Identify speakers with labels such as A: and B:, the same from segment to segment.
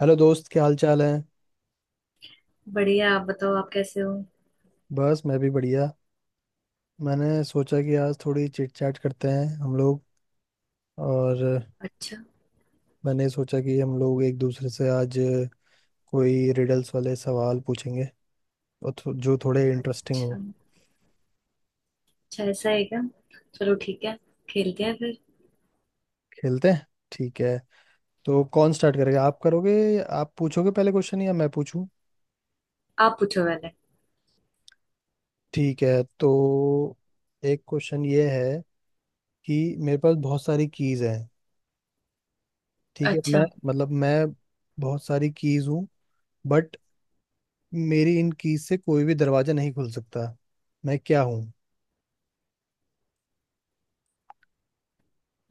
A: Hello दोस्त, क्या हाल चाल है।
B: बढ़िया। आप बताओ, आप कैसे हो?
A: बस मैं भी बढ़िया। मैंने सोचा कि आज थोड़ी चिट चैट करते हैं हम लोग, और
B: अच्छा।
A: मैंने सोचा कि हम लोग एक दूसरे से आज कोई रिडल्स वाले सवाल पूछेंगे, जो थोड़े इंटरेस्टिंग
B: अच्छा।
A: हो।
B: अच्छा, ऐसा है क्या? चलो ठीक है, खेलते हैं फिर।
A: खेलते हैं। ठीक है, तो कौन स्टार्ट करेगा, आप करोगे? आप पूछोगे पहले क्वेश्चन या मैं पूछूं?
B: आप पूछो पहले।
A: ठीक है, तो एक क्वेश्चन ये है कि मेरे पास बहुत सारी कीज हैं। ठीक है,
B: अच्छा।
A: मैं बहुत सारी कीज हूँ, बट मेरी इन कीज से कोई भी दरवाजा नहीं खुल सकता। मैं क्या हूँ?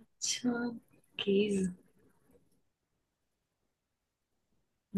B: अच्छा, प्लीज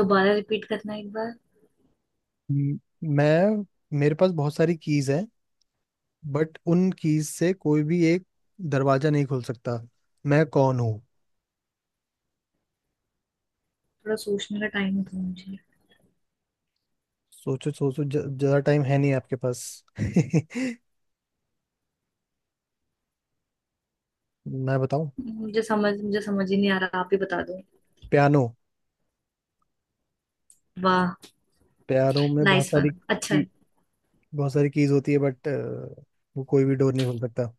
B: दोबारा रिपीट करना एक बार।
A: म- मैं, मेरे पास बहुत सारी कीज हैं, बट उन कीज से कोई भी एक दरवाजा नहीं खुल सकता। मैं कौन हूँ?
B: थोड़ा सोचने का टाइम दो मुझे।
A: सोचो सोचो, ज्यादा टाइम है नहीं आपके पास। मैं बताऊं?
B: मुझे समझ ही नहीं आ रहा, आप ही बता दो।
A: पियानो।
B: वाह!
A: पियानो में बहुत
B: नाइस
A: सारी
B: वन, अच्छा
A: की,
B: है।
A: बहुत सारी कीज होती है, बट वो कोई भी डोर नहीं खुल सकता।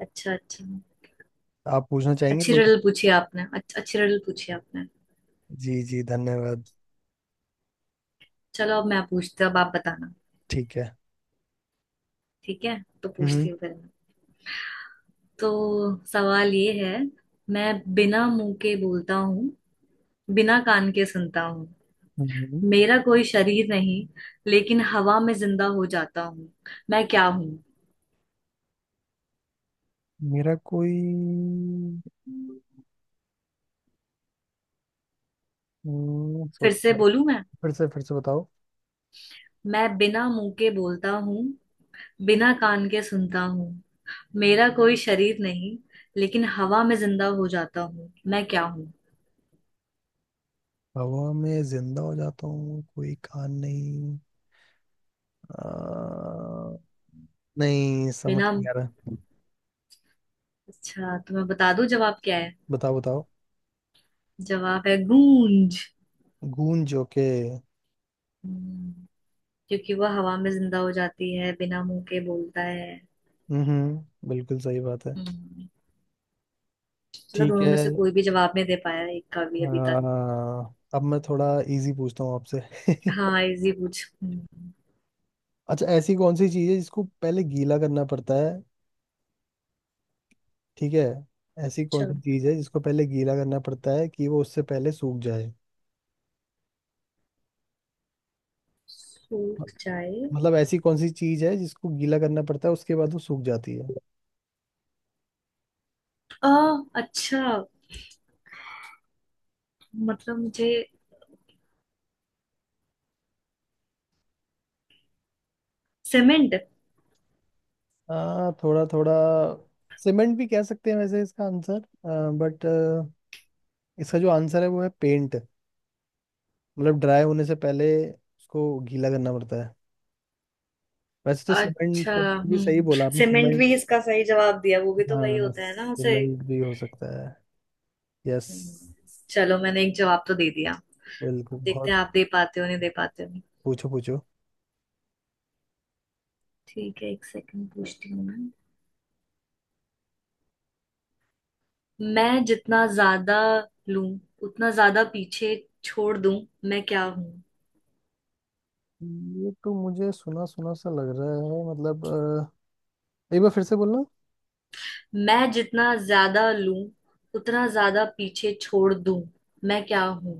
B: अच्छा। अच्छा।
A: आप पूछना चाहेंगे
B: अच्छी
A: कोई?
B: रिडल पूछी आपने। अच्छी रिडल पूछी आपने।
A: जी जी, धन्यवाद।
B: चलो अब मैं पूछती हूँ, अब आप बताना।
A: ठीक है।
B: ठीक है तो पूछती
A: हम्म।
B: हूँ फिर। तो सवाल ये है। मैं बिना मुंह के बोलता हूँ, बिना कान के सुनता हूँ।
A: हम्म।
B: मेरा कोई शरीर नहीं, लेकिन हवा में जिंदा हो जाता हूँ। मैं क्या हूँ?
A: मेरा कोई,
B: फिर
A: सोचना
B: से
A: पड़ेगा।
B: बोलूं मैं।
A: फिर से, फिर से बताओ।
B: मैं बिना मुंह के बोलता हूँ, बिना कान के सुनता हूँ। मेरा कोई शरीर नहीं, लेकिन हवा में जिंदा हो जाता हूँ। मैं क्या हूँ?
A: हवा में जिंदा हो जाता हूँ, कोई कान नहीं। आ, नहीं, समझ
B: बिना।
A: नहीं आ रहा।
B: अच्छा तो मैं बता दूं जवाब क्या है।
A: बताओ बताओ।
B: जवाब है गूंज।
A: गूंज? ओके।
B: हम्म, क्योंकि वह हवा में जिंदा हो जाती है, बिना मुंह के बोलता है।
A: हम्म, बिल्कुल सही बात है।
B: हम्म। चलो,
A: ठीक
B: दोनों
A: है।
B: में से कोई भी जवाब नहीं दे पाया एक का भी अभी तक।
A: आ, अब मैं थोड़ा इजी पूछता हूँ आपसे।
B: हाँ, इजी पूछ।
A: अच्छा, ऐसी कौन सी चीज़ है जिसको पहले गीला करना पड़ता है? ठीक है, ऐसी कौन
B: अच्छा।
A: सी चीज़ है जिसको पहले गीला करना पड़ता है कि वो उससे पहले सूख जाए?
B: सूख जाए?
A: मतलब ऐसी कौन सी चीज है जिसको गीला करना पड़ता है, उसके बाद वो सूख जाती है?
B: आ अच्छा, मतलब मुझे, सीमेंट।
A: थोड़ा थोड़ा। सीमेंट भी कह सकते हैं वैसे इसका आंसर, बट इसका जो आंसर है वो है पेंट। मतलब ड्राई होने से पहले उसको गीला करना पड़ता है। वैसे तो सीमेंट
B: अच्छा।
A: सीमेंट भी सही
B: हम्म,
A: बोला आपने,
B: सीमेंट
A: सीमेंट।
B: भी इसका सही जवाब दिया, वो भी तो वही
A: हाँ,
B: होता है ना उसे।
A: सीमेंट भी हो सकता है। यस।
B: हम्म, चलो मैंने एक जवाब तो दे दिया।
A: बिल्कुल,
B: अब देखते
A: बहुत।
B: हैं आप दे पाते हो नहीं दे पाते हो।
A: पूछो पूछो।
B: ठीक है, एक सेकंड पूछती हूँ मैं। मैं जितना ज्यादा लूं, उतना ज्यादा पीछे छोड़ दूं। मैं क्या हूं?
A: ये तो मुझे सुना सुना सा लग रहा है। मतलब एक बार फिर से बोलना।
B: मैं जितना ज्यादा लूं, उतना ज्यादा पीछे छोड़ दूं। मैं क्या हूं?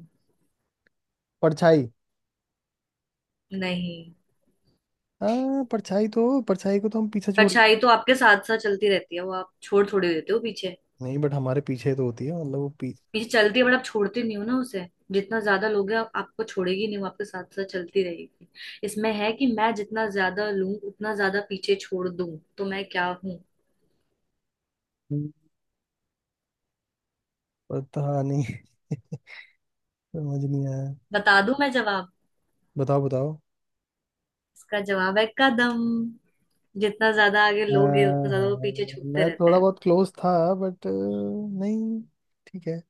A: परछाई।
B: नहीं।
A: हाँ, परछाई तो, परछाई को तो हम पीछे छोड़।
B: परछाई तो आपके साथ साथ चलती रहती है, वो आप छोड़ थोड़ी देते हो पीछे।
A: नहीं, बट हमारे पीछे तो होती है, मतलब वो
B: पीछे चलती है, बट आप छोड़ते नहीं हो ना उसे। जितना ज्यादा लोगे आप, आपको छोड़ेगी नहीं, वो आपके साथ साथ चलती रहेगी। इसमें है कि मैं जितना ज्यादा लूं उतना ज्यादा पीछे छोड़ दूं, तो मैं क्या हूं?
A: पीछे। पता नहीं। समझ नहीं आया।
B: बता दूं मैं जवाब?
A: बताओ बताओ।
B: इसका जवाब है कदम। जितना ज्यादा आगे
A: हाँ,
B: लोगे, उतना ज्यादा वो
A: हाँ,
B: पीछे छूटते
A: मैं
B: रहते
A: थोड़ा
B: हैं।
A: बहुत क्लोज था, बट नहीं। ठीक है,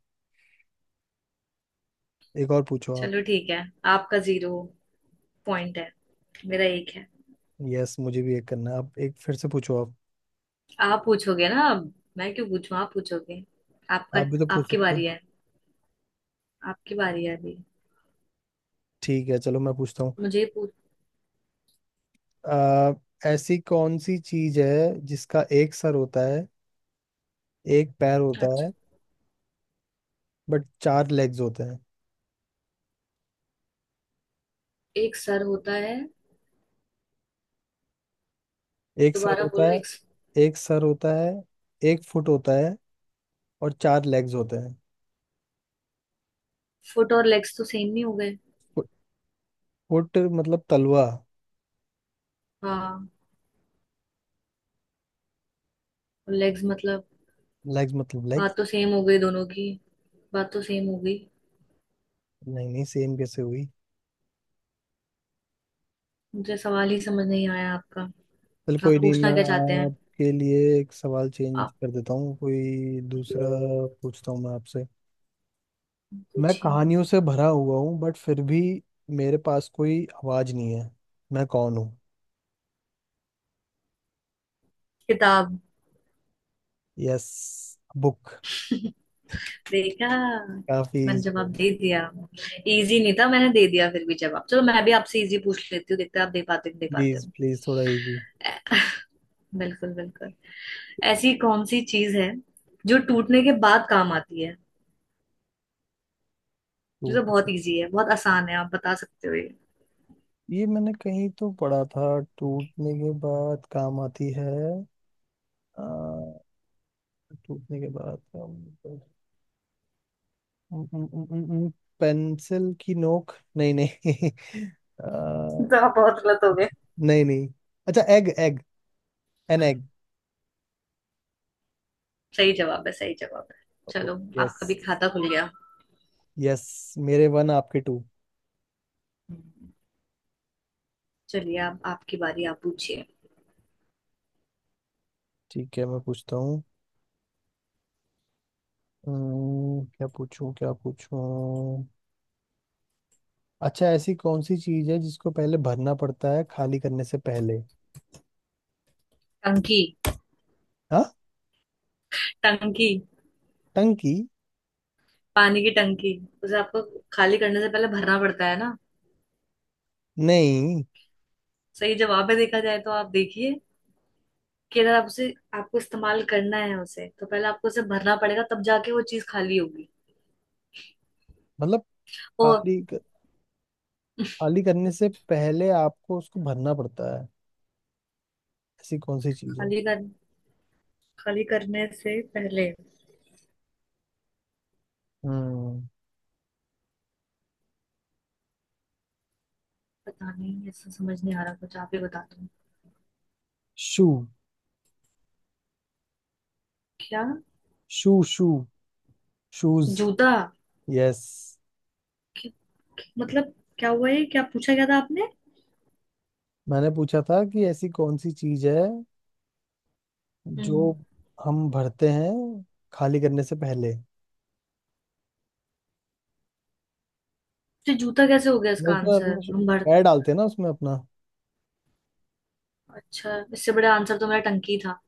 A: एक और पूछो आप।
B: चलो ठीक है। आपका जीरो पॉइंट है, मेरा एक है।
A: यस, मुझे भी एक करना है, आप एक फिर से पूछो आप।
B: आप पूछोगे ना अब। मैं क्यों पूछूं? आप पूछोगे। आपका,
A: आप भी तो पूछ
B: आपकी
A: सकते हो।
B: बारी है। आपकी बारी है अभी।
A: ठीक है, चलो मैं पूछता हूँ।
B: मुझे पूछ।
A: अ, ऐसी कौन सी चीज है जिसका एक सर होता है, एक पैर होता है,
B: अच्छा।
A: बट चार लेग्स होते हैं?
B: एक सर होता है?
A: एक सर
B: दोबारा
A: होता
B: बोलो
A: है।
B: एक।
A: एक सर होता है, एक फुट होता है और चार लेग्स होते हैं।
B: फुट और लेग्स तो सेम नहीं हो गए?
A: फुट, फुट मतलब तलवा।
B: हाँ। लेग्स मतलब?
A: लेग्स मतलब लेग्स।
B: बात तो सेम हो गई दोनों की। बात तो सेम हो गई।
A: नहीं नहीं, सेम कैसे हुई?
B: मुझे सवाल ही समझ नहीं आया आपका।
A: चल
B: आप
A: कोई नहीं,
B: पूछना
A: मैं
B: क्या चाहते हैं?
A: आपके लिए एक सवाल चेंज
B: आप
A: कर देता हूँ, कोई दूसरा पूछता हूँ मैं आपसे। मैं
B: पूछिए।
A: कहानियों से भरा हुआ हूँ, बट फिर भी मेरे पास कोई आवाज नहीं है। मैं कौन हूँ?
B: किताब।
A: Yes, book.
B: देखा,
A: काफी
B: मैंने
A: इजी।
B: जवाब दे दिया। इजी नहीं था, मैंने दे दिया फिर भी जवाब। चलो मैं भी आपसे इजी पूछ लेती हूँ, देखते हैं आप दे पाते हो, दे पाते
A: प्लीज
B: हो।
A: प्लीज, थोड़ा इजी।
B: बिल्कुल, बिल्कुल। ऐसी कौन सी चीज है जो टूटने के बाद काम आती है? ये तो बहुत इजी है, बहुत आसान है, आप बता सकते हो ये।
A: ये मैंने कहीं तो पढ़ा था। टूटने के बाद काम आती है। आ, टूटने के बाद काम, पेंसिल की नोक? नहीं नहीं। आ,
B: तो आप बहुत गलत हो गए।
A: नहीं नहीं, अच्छा एग, एग, एन एग।
B: सही जवाब है, सही जवाब है। चलो,
A: यस।
B: आपका भी खाता खुल गया।
A: यस, मेरे वन आपके टू।
B: हम्म, चलिए अब आपकी बारी, आप पूछिए।
A: ठीक है, मैं पूछता हूँ। क्या पूछूं, क्या पूछूं? अच्छा, ऐसी कौन सी चीज है जिसको पहले भरना पड़ता है खाली करने से पहले?
B: टंकी।
A: हाँ,
B: टंकी।
A: टंकी?
B: पानी की टंकी। उसे आपको खाली करने से पहले भरना पड़ता है ना।
A: नहीं,
B: सही जवाब है, देखा जाए तो। आप देखिए कि अगर आप उसे, आपको इस्तेमाल करना है उसे, तो पहले आपको उसे भरना पड़ेगा, तब जाके वो चीज खाली होगी।
A: मतलब
B: ओ,
A: खाली खाली करने से पहले आपको उसको भरना पड़ता है, ऐसी कौन सी चीज है?
B: खाली कर, खाली करने से पहले।
A: हम्म।
B: पता नहीं, ऐसा समझ नहीं आ रहा कुछ, आप ही बता दो।
A: शू।
B: क्या?
A: Shoe shoe. शूज।
B: जूता?
A: यस।
B: कि- मतलब क्या हुआ ये, क्या पूछा क्या था आपने?
A: मैंने पूछा था कि ऐसी कौन सी चीज है जो
B: हम्म।
A: हम भरते हैं खाली करने से पहले।
B: तो जूता कैसे हो गया
A: वो
B: इसका
A: उसमें
B: आंसर?
A: अपना
B: हम भर,
A: पैर डालते हैं ना उसमें अपना।
B: अच्छा। इससे बड़ा आंसर तो मेरा टंकी था।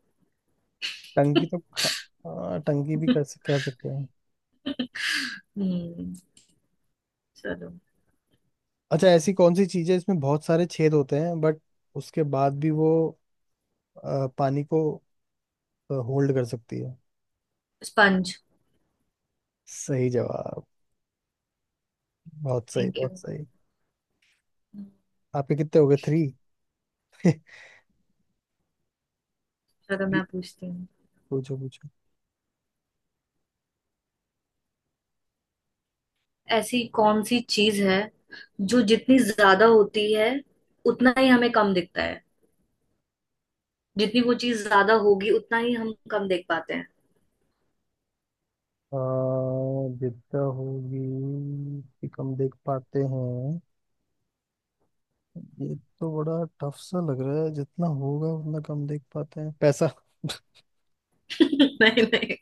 A: टंकी तो खा, हाँ, टंकी भी कर कह सकते हैं।
B: हम्म, चलो।
A: अच्छा, ऐसी कौन सी चीज है इसमें बहुत सारे छेद होते हैं, बट उसके बाद भी वो पानी को होल्ड कर सकती है?
B: स्पंज।
A: सही जवाब। बहुत सही,
B: थैंक यू।
A: बहुत सही। आपके कितने हो गए, थ्री?
B: चलो मैं पूछती हूँ।
A: पूछो पूछो।
B: ऐसी कौन सी चीज है जो जितनी ज्यादा होती है, उतना ही हमें कम दिखता है? जितनी वो चीज ज्यादा होगी, उतना ही हम कम देख पाते हैं।
A: आ, विद्या होगी कि कम देख पाते हैं? ये तो बड़ा टफ सा लग रहा है। जितना होगा उतना कम देख पाते हैं, पैसा?
B: नहीं, नहीं,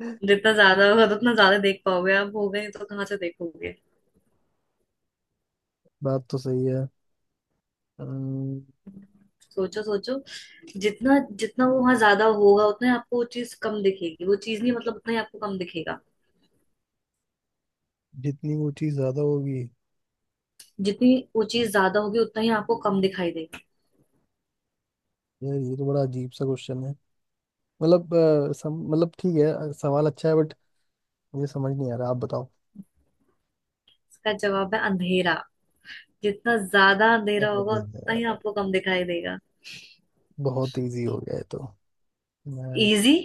B: जितना ज्यादा होगा तो उतना ज्यादा देख पाओगे आप, हो गए तो कहाँ से देखोगे।
A: बात तो सही है। अम्म,
B: सोचो, सोचो। जितना, जितना वो वहां ज्यादा होगा, उतना ही आपको वो चीज कम दिखेगी। वो चीज नहीं, मतलब उतना ही आपको कम दिखेगा।
A: जितनी वो चीज ज्यादा होगी।
B: जितनी वो चीज ज्यादा होगी, उतना ही आपको कम दिखाई देगा।
A: यार, ये तो बड़ा अजीब सा क्वेश्चन है। मतलब मतलब ठीक है, सवाल अच्छा है, बट मुझे समझ नहीं आ रहा, आप बताओ।
B: इसका जवाब है अंधेरा। जितना ज्यादा
A: क्या
B: अंधेरा होगा,
A: बोलें
B: उतना ही
A: यार?
B: आपको कम दिखाई देगा।
A: बहुत इजी हो गया है तो मैं।
B: इजी?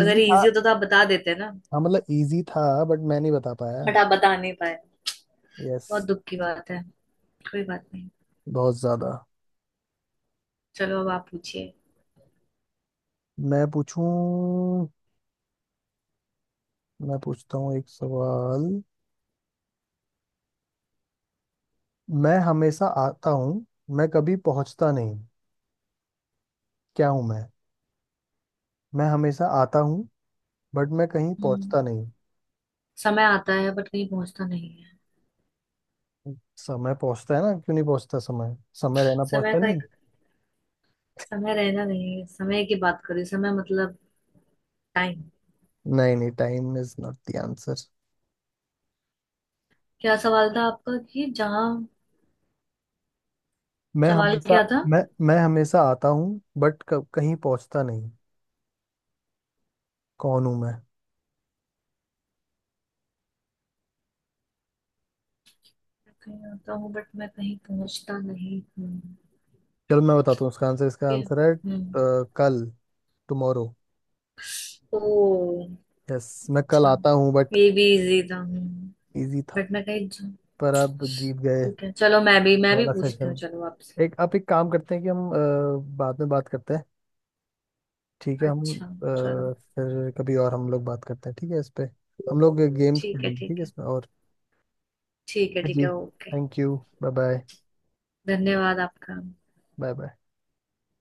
B: अगर
A: था।
B: इजी होता तो आप बता देते ना।
A: हाँ मतलब इजी था, बट मैं नहीं बता पाया।
B: बट आप बता नहीं पाए।
A: यस।
B: बहुत दुख की बात है। कोई बात नहीं।
A: बहुत ज्यादा।
B: चलो, अब आप पूछिए।
A: मैं पूछूं? मैं पूछता हूँ एक सवाल। मैं हमेशा आता हूँ, मैं कभी पहुंचता नहीं। क्या हूं मैं? मैं हमेशा आता हूँ, बट मैं कहीं
B: हम्म,
A: पहुंचता नहीं।
B: समय आता है बट कहीं पहुंचता नहीं है।
A: समय पहुंचता है ना, क्यों नहीं पहुंचता समय? समय रहना
B: समय
A: पहुंचता
B: का
A: नहीं।
B: एक, समय रहना नहीं है, समय की बात करी। समय मतलब टाइम।
A: नहीं नहीं, time is not the answer.
B: क्या सवाल था आपका कि जहाँ,
A: मैं
B: सवाल
A: हमेशा,
B: क्या था?
A: मैं मैं हमेशा आता हूँ बट कहीं पहुंचता नहीं। कौन हूं मैं?
B: मैं कहीं आता हूँ बट मैं कहीं पहुंचता नहीं हूँ।
A: चलो मैं बताता हूँ इसका आंसर, इसका
B: ये-,
A: आंसल है
B: हम्म।
A: कल, टुमारो।
B: ओ,
A: यस, मैं कल
B: अच्छा।
A: आता हूँ बट।
B: ये भी इजी था। हम्म,
A: इजी था।
B: बट मैं कहीं जा-।
A: पर आप जीत गए,
B: ठीक है,
A: ये
B: चलो मैं भी, मैं भी
A: वाला
B: पूछती हूँ
A: सेशन।
B: चलो आपसे।
A: एक आप एक काम करते हैं कि हम बाद में बात करते हैं। ठीक है, हम
B: अच्छा। चलो
A: फिर कभी और हम लोग बात करते हैं, ठीक है, इस पे हम लोग गेम्स
B: ठीक है,
A: खेलेंगे, ठीक है
B: ठीक है।
A: इसमें और।
B: ठीक है, ठीक
A: जी,
B: है, okay.
A: Thank you, bye bye.
B: धन्यवाद आपका।
A: Bye bye.